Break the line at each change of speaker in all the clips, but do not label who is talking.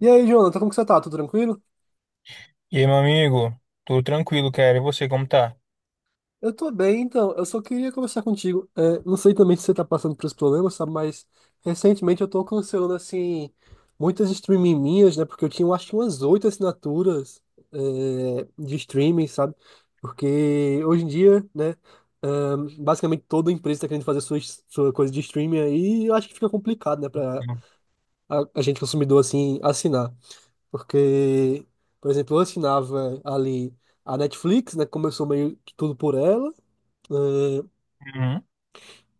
E aí, Jonathan, como que você tá? Tudo tranquilo?
E aí, meu amigo? Tudo tranquilo, cara. E você, como tá?
Eu tô bem, então. Eu só queria conversar contigo. Não sei também se você tá passando por esse problema, sabe? Mas recentemente eu tô cancelando, assim, muitas streaming minhas, né? Porque eu tinha, eu acho que umas oito assinaturas, de streaming, sabe? Porque hoje em dia, né? é, basicamente toda empresa tá querendo fazer sua coisa de streaming aí. E eu acho que fica complicado, né? Pra a gente consumidor, assim, assinar. Porque, por exemplo, eu assinava ali a Netflix, né? Começou meio que tudo por ela. né,
Uhum.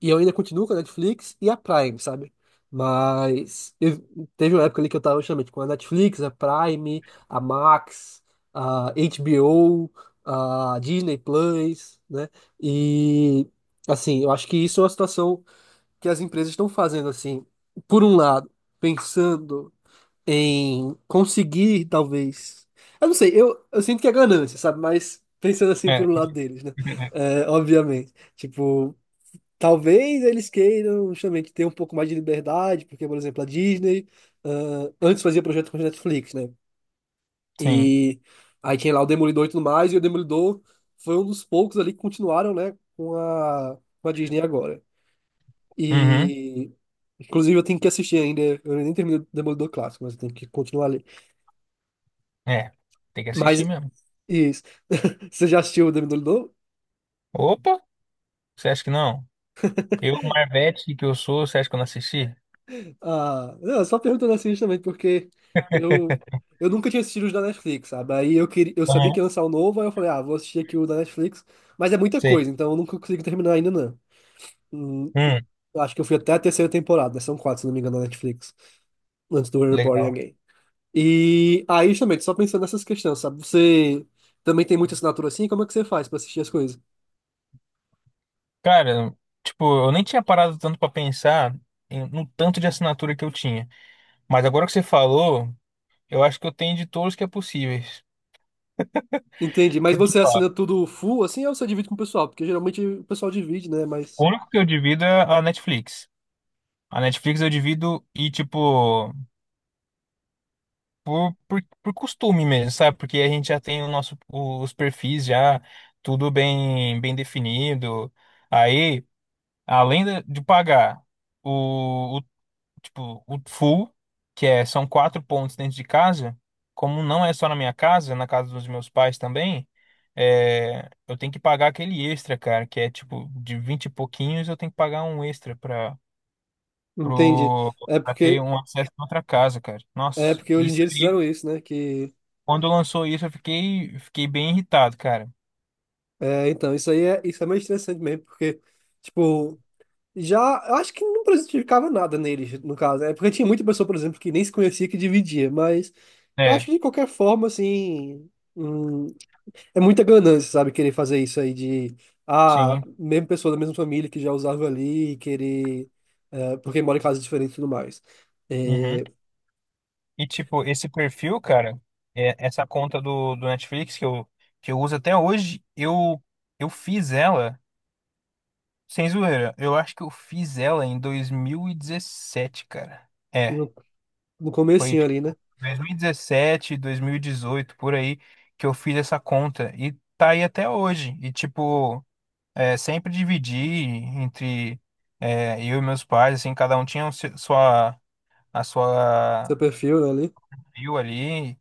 E eu ainda continuo com a Netflix e a Prime, sabe? Mas eu, teve uma época ali que eu tava justamente com a Netflix, a Prime, a Max, a HBO, a Disney Plus, né? E assim, eu acho que isso é uma situação que as empresas estão fazendo assim, por um lado, pensando em conseguir, talvez. Eu não sei, eu sinto que é ganância, sabe? Mas pensando assim por
É.
um lado deles, né? É, obviamente. Tipo, talvez eles queiram justamente ter um pouco mais de liberdade, porque, por exemplo, a Disney, antes fazia projeto com a Netflix, né?
Sim.
E aí tinha lá o Demolidor e tudo mais, e o Demolidor foi um dos poucos ali que continuaram, né, com a Disney agora.
Uhum.
E. Inclusive, eu tenho que assistir ainda. Eu nem terminei o Demolidor Clássico, mas eu tenho que continuar ali.
É. Tem que assistir
Mas
mesmo.
isso. Você já assistiu o Demolidor?
Opa! Você acha que não? Eu, Marvete, que eu sou, você acha que eu não assisti?
Ah, não, só perguntando assim também, porque eu, eu nunca tinha assistido os da Netflix, sabe? Aí eu queria, eu sabia
Aham,
que ia lançar o novo, aí eu falei, ah, vou assistir aqui o da Netflix, mas é muita
sei.
coisa, então eu nunca consigo terminar ainda, não. Hum,
Hum,
eu acho que eu fui até a terceira temporada, né? São quatro, se não me engano, da Netflix, antes do Reborn
legal.
Again. E aí, justamente, só pensando nessas questões, sabe? Você também tem muita assinatura assim? Como é que você faz pra assistir as coisas?
Cara, tipo, eu nem tinha parado tanto pra pensar no tanto de assinatura que eu tinha. Mas agora que você falou, eu acho que eu tenho de todos que é possíveis.
Entendi, mas
Porque,
você
ó,
assina tudo full assim ou você divide com o pessoal? Porque geralmente o pessoal divide, né?
o
Mas.
único que eu divido é a Netflix. A Netflix eu divido e, tipo, por costume mesmo, sabe? Porque a gente já tem o nosso, os perfis já tudo bem, bem definido. Aí. Além de pagar o, o- tipo o full, que é são quatro pontos dentro de casa, como não é só na minha casa, na casa dos meus pais também, é, eu tenho que pagar aquele extra, cara, que é tipo de 20 e pouquinhos, eu tenho que pagar um extra para
Entendi.
pro
É
pra ter
porque,
um acesso a outra casa, cara.
é
Nossa,
porque hoje em
isso
dia eles
aí,
fizeram isso, né?
quando lançou isso, eu fiquei bem irritado, cara.
Isso aí isso é meio interessante mesmo, porque, tipo, já, eu acho que não prejudicava nada neles, no caso, é porque tinha muita pessoa, por exemplo, que nem se conhecia, que dividia, mas eu acho
É,
que de qualquer forma, assim, hum, é muita ganância, sabe? Querer fazer isso aí de, ah,
sim.
mesmo pessoa da mesma família que já usava ali, porque mora em casas diferentes e tudo mais.
Uhum.
É,
E, tipo, esse perfil, cara, essa conta do Netflix que eu uso até hoje, eu fiz ela, sem zoeira, eu acho que eu fiz ela em 2017, cara. É,
no, no
foi
comecinho ali, né?
tipo 2017, 2018 por aí, que eu fiz essa conta. E tá aí até hoje. E, tipo, é, sempre dividi entre é, eu e meus pais, assim, cada um tinha a sua
Seu perfil, né, ali.
view ali.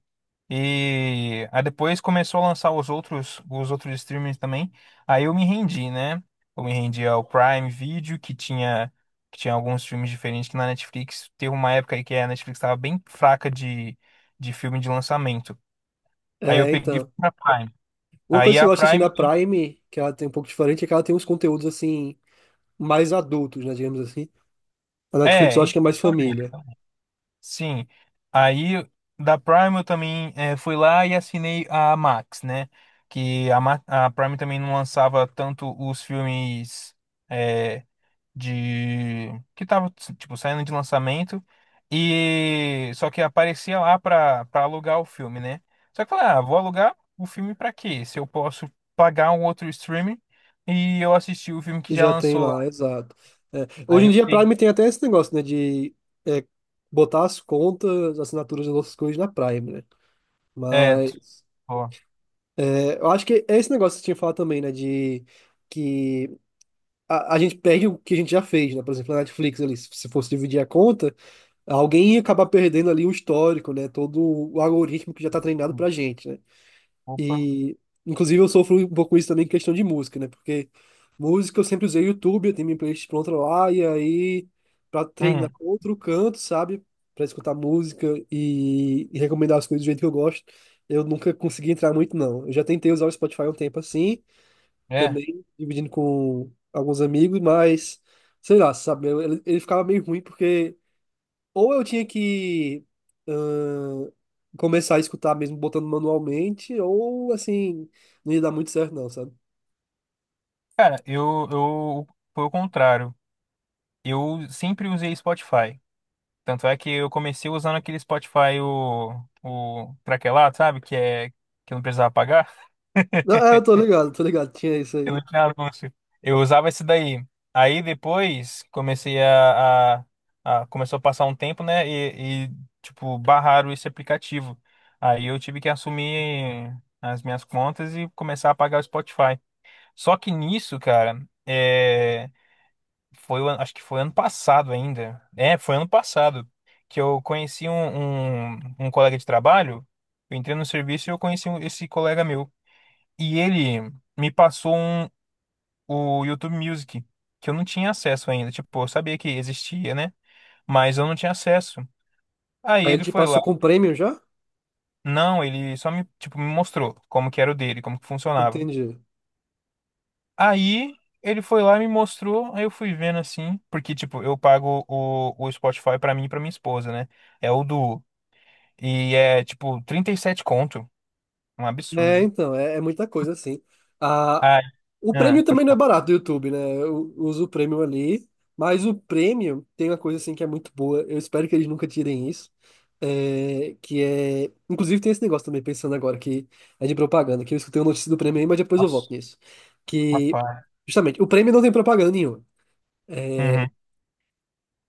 E aí depois começou a lançar os outros streamings também. Aí eu me rendi, né? Eu me rendi ao Prime Video, que tinha alguns filmes diferentes que na Netflix. Teve uma época aí que a Netflix estava bem fraca de filme de lançamento. Aí eu
É,
peguei e fui
então.
pra Prime.
Uma
Aí
coisa que eu
a
gosto assim
Prime.
da Prime, que ela tem um pouco diferente, é que ela tem uns conteúdos assim mais adultos, né, digamos assim. A Netflix eu
É,
acho que é mais família.
sim. Aí da Prime eu também fui lá e assinei a Max, né? Que a Prime também não lançava tanto os filmes. É, de que tava tipo saindo de lançamento e só que aparecia lá pra para alugar o filme, né? Só que eu falei, ah, vou alugar o filme pra quê? Se eu posso pagar um outro streaming e eu assisti o filme que
E
já
já tem
lançou lá.
lá, exato. É, hoje
Aí
em
eu
dia a
peguei,
Prime tem até esse negócio, né, de é, botar as contas, assinaturas das outras coisas na Prime, né?
é, t-
Mas
ó,
é, eu acho que é esse negócio que você tinha falado também, né, de que a gente perde o que a gente já fez, né? Por exemplo, a Netflix ali, se fosse dividir a conta, alguém ia acabar perdendo ali o histórico, né? Todo o algoritmo que já tá treinado pra gente, né?
opa.
E, inclusive, eu sofro um pouco isso também em questão de música, né? Porque música eu sempre usei o YouTube, eu tenho minha playlist pronta lá, e aí, pra treinar
Hum,
outro canto, sabe? Pra escutar música e recomendar as coisas do jeito que eu gosto, eu nunca consegui entrar muito, não. Eu já tentei usar o Spotify um tempo assim,
é.
também dividindo com alguns amigos, mas sei lá, sabe? Ele ficava meio ruim porque. Ou eu tinha que ãh, começar a escutar mesmo botando manualmente, ou assim, não ia dar muito certo não, sabe?
Cara, eu foi o contrário. Eu sempre usei Spotify. Tanto é que eu comecei usando aquele Spotify o craquelado, sabe? Que é que eu não precisava pagar.
Não, é, tô ligado, tinha isso
Eu não
aí.
tinha anúncio. Eu usava esse daí. Aí depois comecei a- começou a passar um tempo, né? Tipo, barraram esse aplicativo. Aí eu tive que assumir as minhas contas e começar a pagar o Spotify. Só que nisso, cara, é, foi, acho que foi ano passado ainda. É, foi ano passado que eu conheci um colega de trabalho. Eu entrei no serviço e eu conheci esse colega meu. E ele me passou o YouTube Music, que eu não tinha acesso ainda. Tipo, eu sabia que existia, né? Mas eu não tinha acesso. Aí
Aí ele
ele
te
foi lá.
passou com prêmio já?
Não, ele só me, tipo, me mostrou como que era o dele, como que funcionava.
Entendi.
Aí ele foi lá e me mostrou, aí eu fui vendo assim, porque, tipo, eu pago o Spotify pra mim e pra minha esposa, né? É o Duo. E é, tipo, 37 conto. Um
É,
absurdo.
então, é muita coisa, assim. Ah,
Ah,
o prêmio
pode
também não é
falar.
barato do YouTube, né? Eu uso o prêmio ali, mas o prêmio tem uma coisa, assim, que é muito boa. Eu espero que eles nunca tirem isso. É, que é. Inclusive, tem esse negócio também, pensando agora, que é de propaganda, que eu escutei uma notícia do prêmio aí, mas depois eu volto
Nossa,
nisso. Que,
rapaz.
justamente, o prêmio não tem propaganda nenhuma.
Uhum.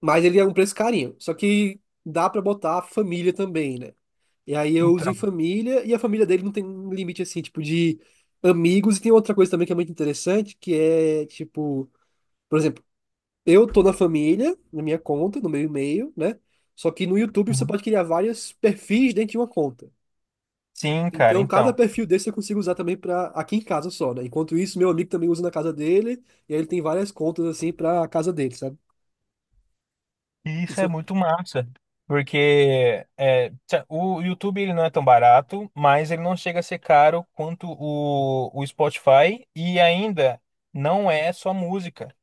Mas ele é um preço carinho. Só que dá pra botar a família também, né? E aí eu uso em
Então.
família, e a família dele não tem um limite assim, tipo, de amigos. E tem outra coisa também que é muito interessante, que é, tipo, por exemplo, eu tô na família, na minha conta, no meu e-mail, né? Só que no YouTube você
Uhum.
pode criar vários perfis dentro de uma conta.
Sim, cara,
Então, cada
então.
perfil desse eu consigo usar também pra aqui em casa só, né? Enquanto isso, meu amigo também usa na casa dele, e aí ele tem várias contas assim pra casa dele, sabe?
E isso é
Isso.
muito massa, porque é, o YouTube ele não é tão barato, mas ele não chega a ser caro quanto o Spotify e ainda não é só música.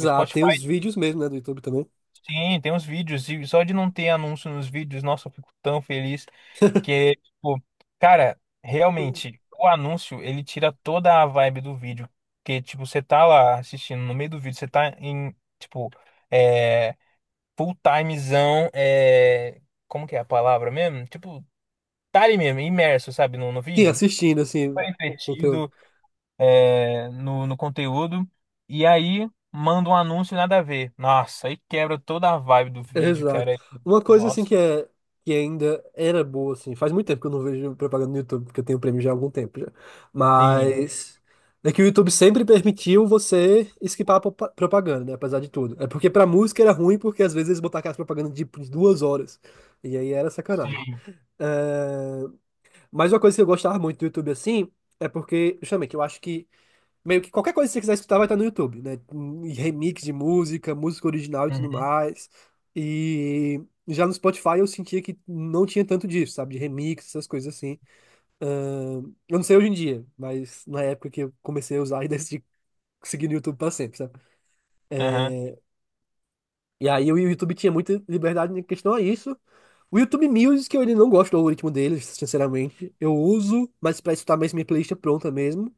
O Spotify,
tem os vídeos mesmo, né, do YouTube também.
sim, tem os vídeos e só de não ter anúncio nos vídeos, nossa, eu fico tão feliz que, tipo, cara, realmente, o anúncio ele tira toda a vibe do vídeo, porque, tipo, você tá lá assistindo, no meio do vídeo você tá em, tipo, é, full timezão, é... como que é a palavra mesmo? Tipo, tá ali mesmo, imerso, sabe, no
Sim,
vídeo,
assistindo,
super
assim, conteúdo.
entretido é, no conteúdo, e aí manda um anúncio nada a ver. Nossa, aí quebra toda a vibe do vídeo,
Exato.
cara.
Uma coisa, assim,
Nossa,
que é... Que ainda era boa, assim. Faz muito tempo que eu não vejo propaganda no YouTube, porque eu tenho prêmio já há algum tempo já.
sim,
Mas... É que o YouTube sempre permitiu você esquipar a propaganda, né? Apesar de tudo. É porque pra música era ruim, porque às vezes eles botavam aquelas propagandas de duas horas. E aí era sacanagem.
sim.
É, mas uma coisa que eu gostava muito do YouTube, assim, é porque... Justamente, eu acho que meio que qualquer coisa que você quiser escutar vai estar no YouTube, né? E remix de música, música original e tudo
Uhum,
mais. E já no Spotify eu sentia que não tinha tanto disso, sabe? De remix, essas coisas assim. Eu não sei hoje em dia, mas na época que eu comecei a usar e decidi seguir no YouTube pra sempre, sabe?
aham,
E aí o YouTube tinha muita liberdade em questão a isso. O YouTube Music, eu ele não gosto do algoritmo deles, sinceramente. Eu uso, mas para escutar mais minha playlist pronta mesmo.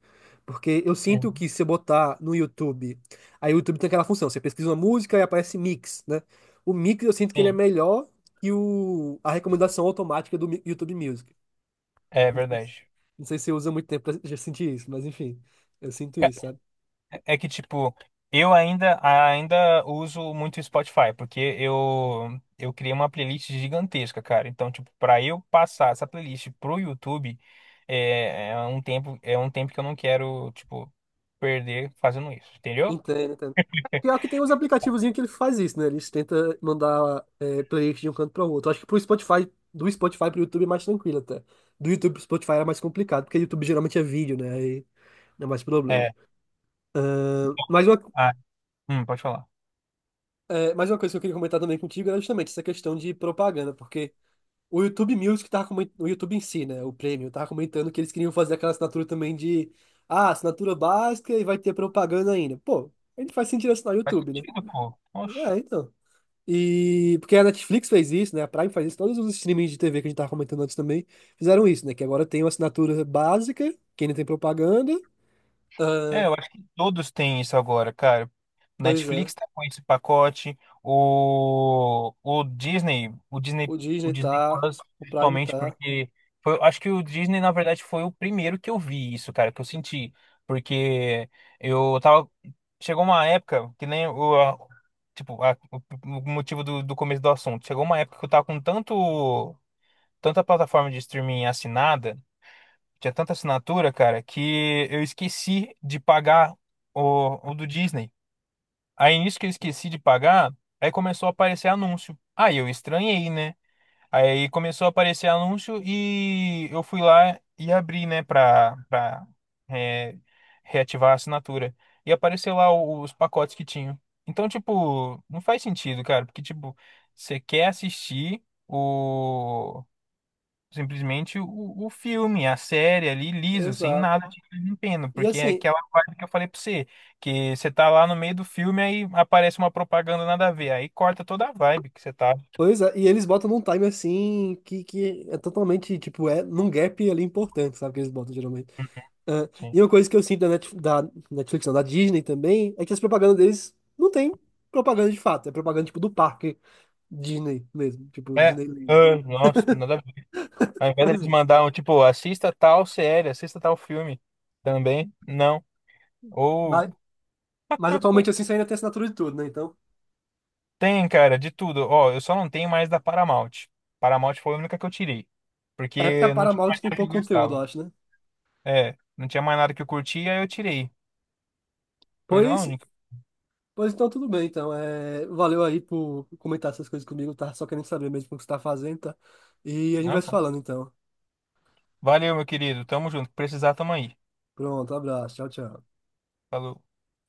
Porque eu sinto
sim,
que se eu botar no YouTube, aí o YouTube tem aquela função, você pesquisa uma música e aparece mix, né? O mix eu sinto que ele é
sim,
melhor que a recomendação automática do YouTube Music.
é
Não sei se,
verdade.
não sei se você usa muito tempo pra já sentir isso, mas enfim, eu sinto isso.
É que, tipo, eu ainda uso muito o Spotify, porque eu criei uma playlist gigantesca, cara. Então, tipo, pra eu passar essa playlist pro YouTube, é um tempo que eu não quero, tipo, perder fazendo isso, entendeu?
Entendo, entendo. Pior que tem uns aplicativozinhos que ele faz isso, né? Eles tentam mandar playlist de um canto para o outro. Acho que pro Spotify, do Spotify pro YouTube é mais tranquilo até. Do YouTube pro Spotify era mais complicado, porque YouTube geralmente é vídeo, né? Aí não é mais problema.
É.
Ahn, mais uma,
Ah, pode falar.
mais uma coisa que eu queria comentar também contigo era justamente essa questão de propaganda, porque o YouTube Music tava comentando, o YouTube em si, né? O Premium, tava comentando que eles queriam fazer aquela assinatura também de, ah, assinatura básica e vai ter propaganda ainda. Pô, a gente faz sentido assinar o
Faz
YouTube, né?
sentido, pô. Oxe.
É, então. E porque a Netflix fez isso, né? A Prime faz isso, todos os streamings de TV que a gente tava comentando antes também fizeram isso, né? Que agora tem uma assinatura básica, que ainda tem propaganda.
É,
Ah,
eu acho que todos têm isso agora, cara.
pois é.
Netflix tá com esse pacote, o, o Disney, o Disney,
O
o
Disney
Disney
tá,
Plus,
o Prime
principalmente
tá.
porque foi, acho que o Disney, na verdade, foi o primeiro que eu vi isso, cara, que eu senti, porque eu tava, chegou uma época que nem o, a- tipo, a- o motivo do começo do assunto, chegou uma época que eu tava com tanta plataforma de streaming assinada tinha tanta assinatura, cara, que eu esqueci de pagar o do Disney. Aí nisso que eu esqueci de pagar, aí começou a aparecer anúncio. Aí eu estranhei, né? Aí começou a aparecer anúncio e eu fui lá e abri, né, pra é, reativar a assinatura. E apareceu lá os pacotes que tinham. Então, tipo, não faz sentido, cara, porque, tipo, você quer assistir simplesmente o filme, a série ali, liso, sem
Exato.
nada de empeno,
E
porque é
assim,
aquela vibe que eu falei pra você, que você tá lá no meio do filme, aí aparece uma propaganda nada a ver, aí corta toda a vibe que você tá.
pois é, e eles botam num time assim que é totalmente, tipo, é num gap ali importante, sabe? Que eles botam geralmente. Ah, e
Sim.
uma coisa que eu sinto da Netflix, não, da Disney também, é que as propagandas deles não tem propaganda de fato, é propaganda tipo do parque Disney mesmo, tipo
É,
Disneyland.
ah, nossa, nada a ver. Ao invés
Pois
deles
é.
mandar, um, tipo, assista tal série, assista tal filme também, não. Ou
Mas, mas atualmente assim você ainda tem assinatura de tudo, né? Então,
tem, cara, de tudo. Ó, eu só não tenho mais da Paramount. Paramount foi a única que eu tirei,
é porque a
porque não tinha mais
Paramount tem
nada que eu
pouco conteúdo, eu
gostava.
acho, né?
É, não tinha mais nada que eu curtia, aí eu tirei. Coisa
Pois,
única.
pois então tudo bem, então. É, valeu aí por comentar essas coisas comigo, tá? Só querendo saber mesmo o que você tá fazendo, tá? E a gente
Ah,
vai se
tá.
falando então.
Valeu, meu querido. Tamo junto. Precisar, tamo aí.
Pronto, abraço, tchau, tchau.
Falou.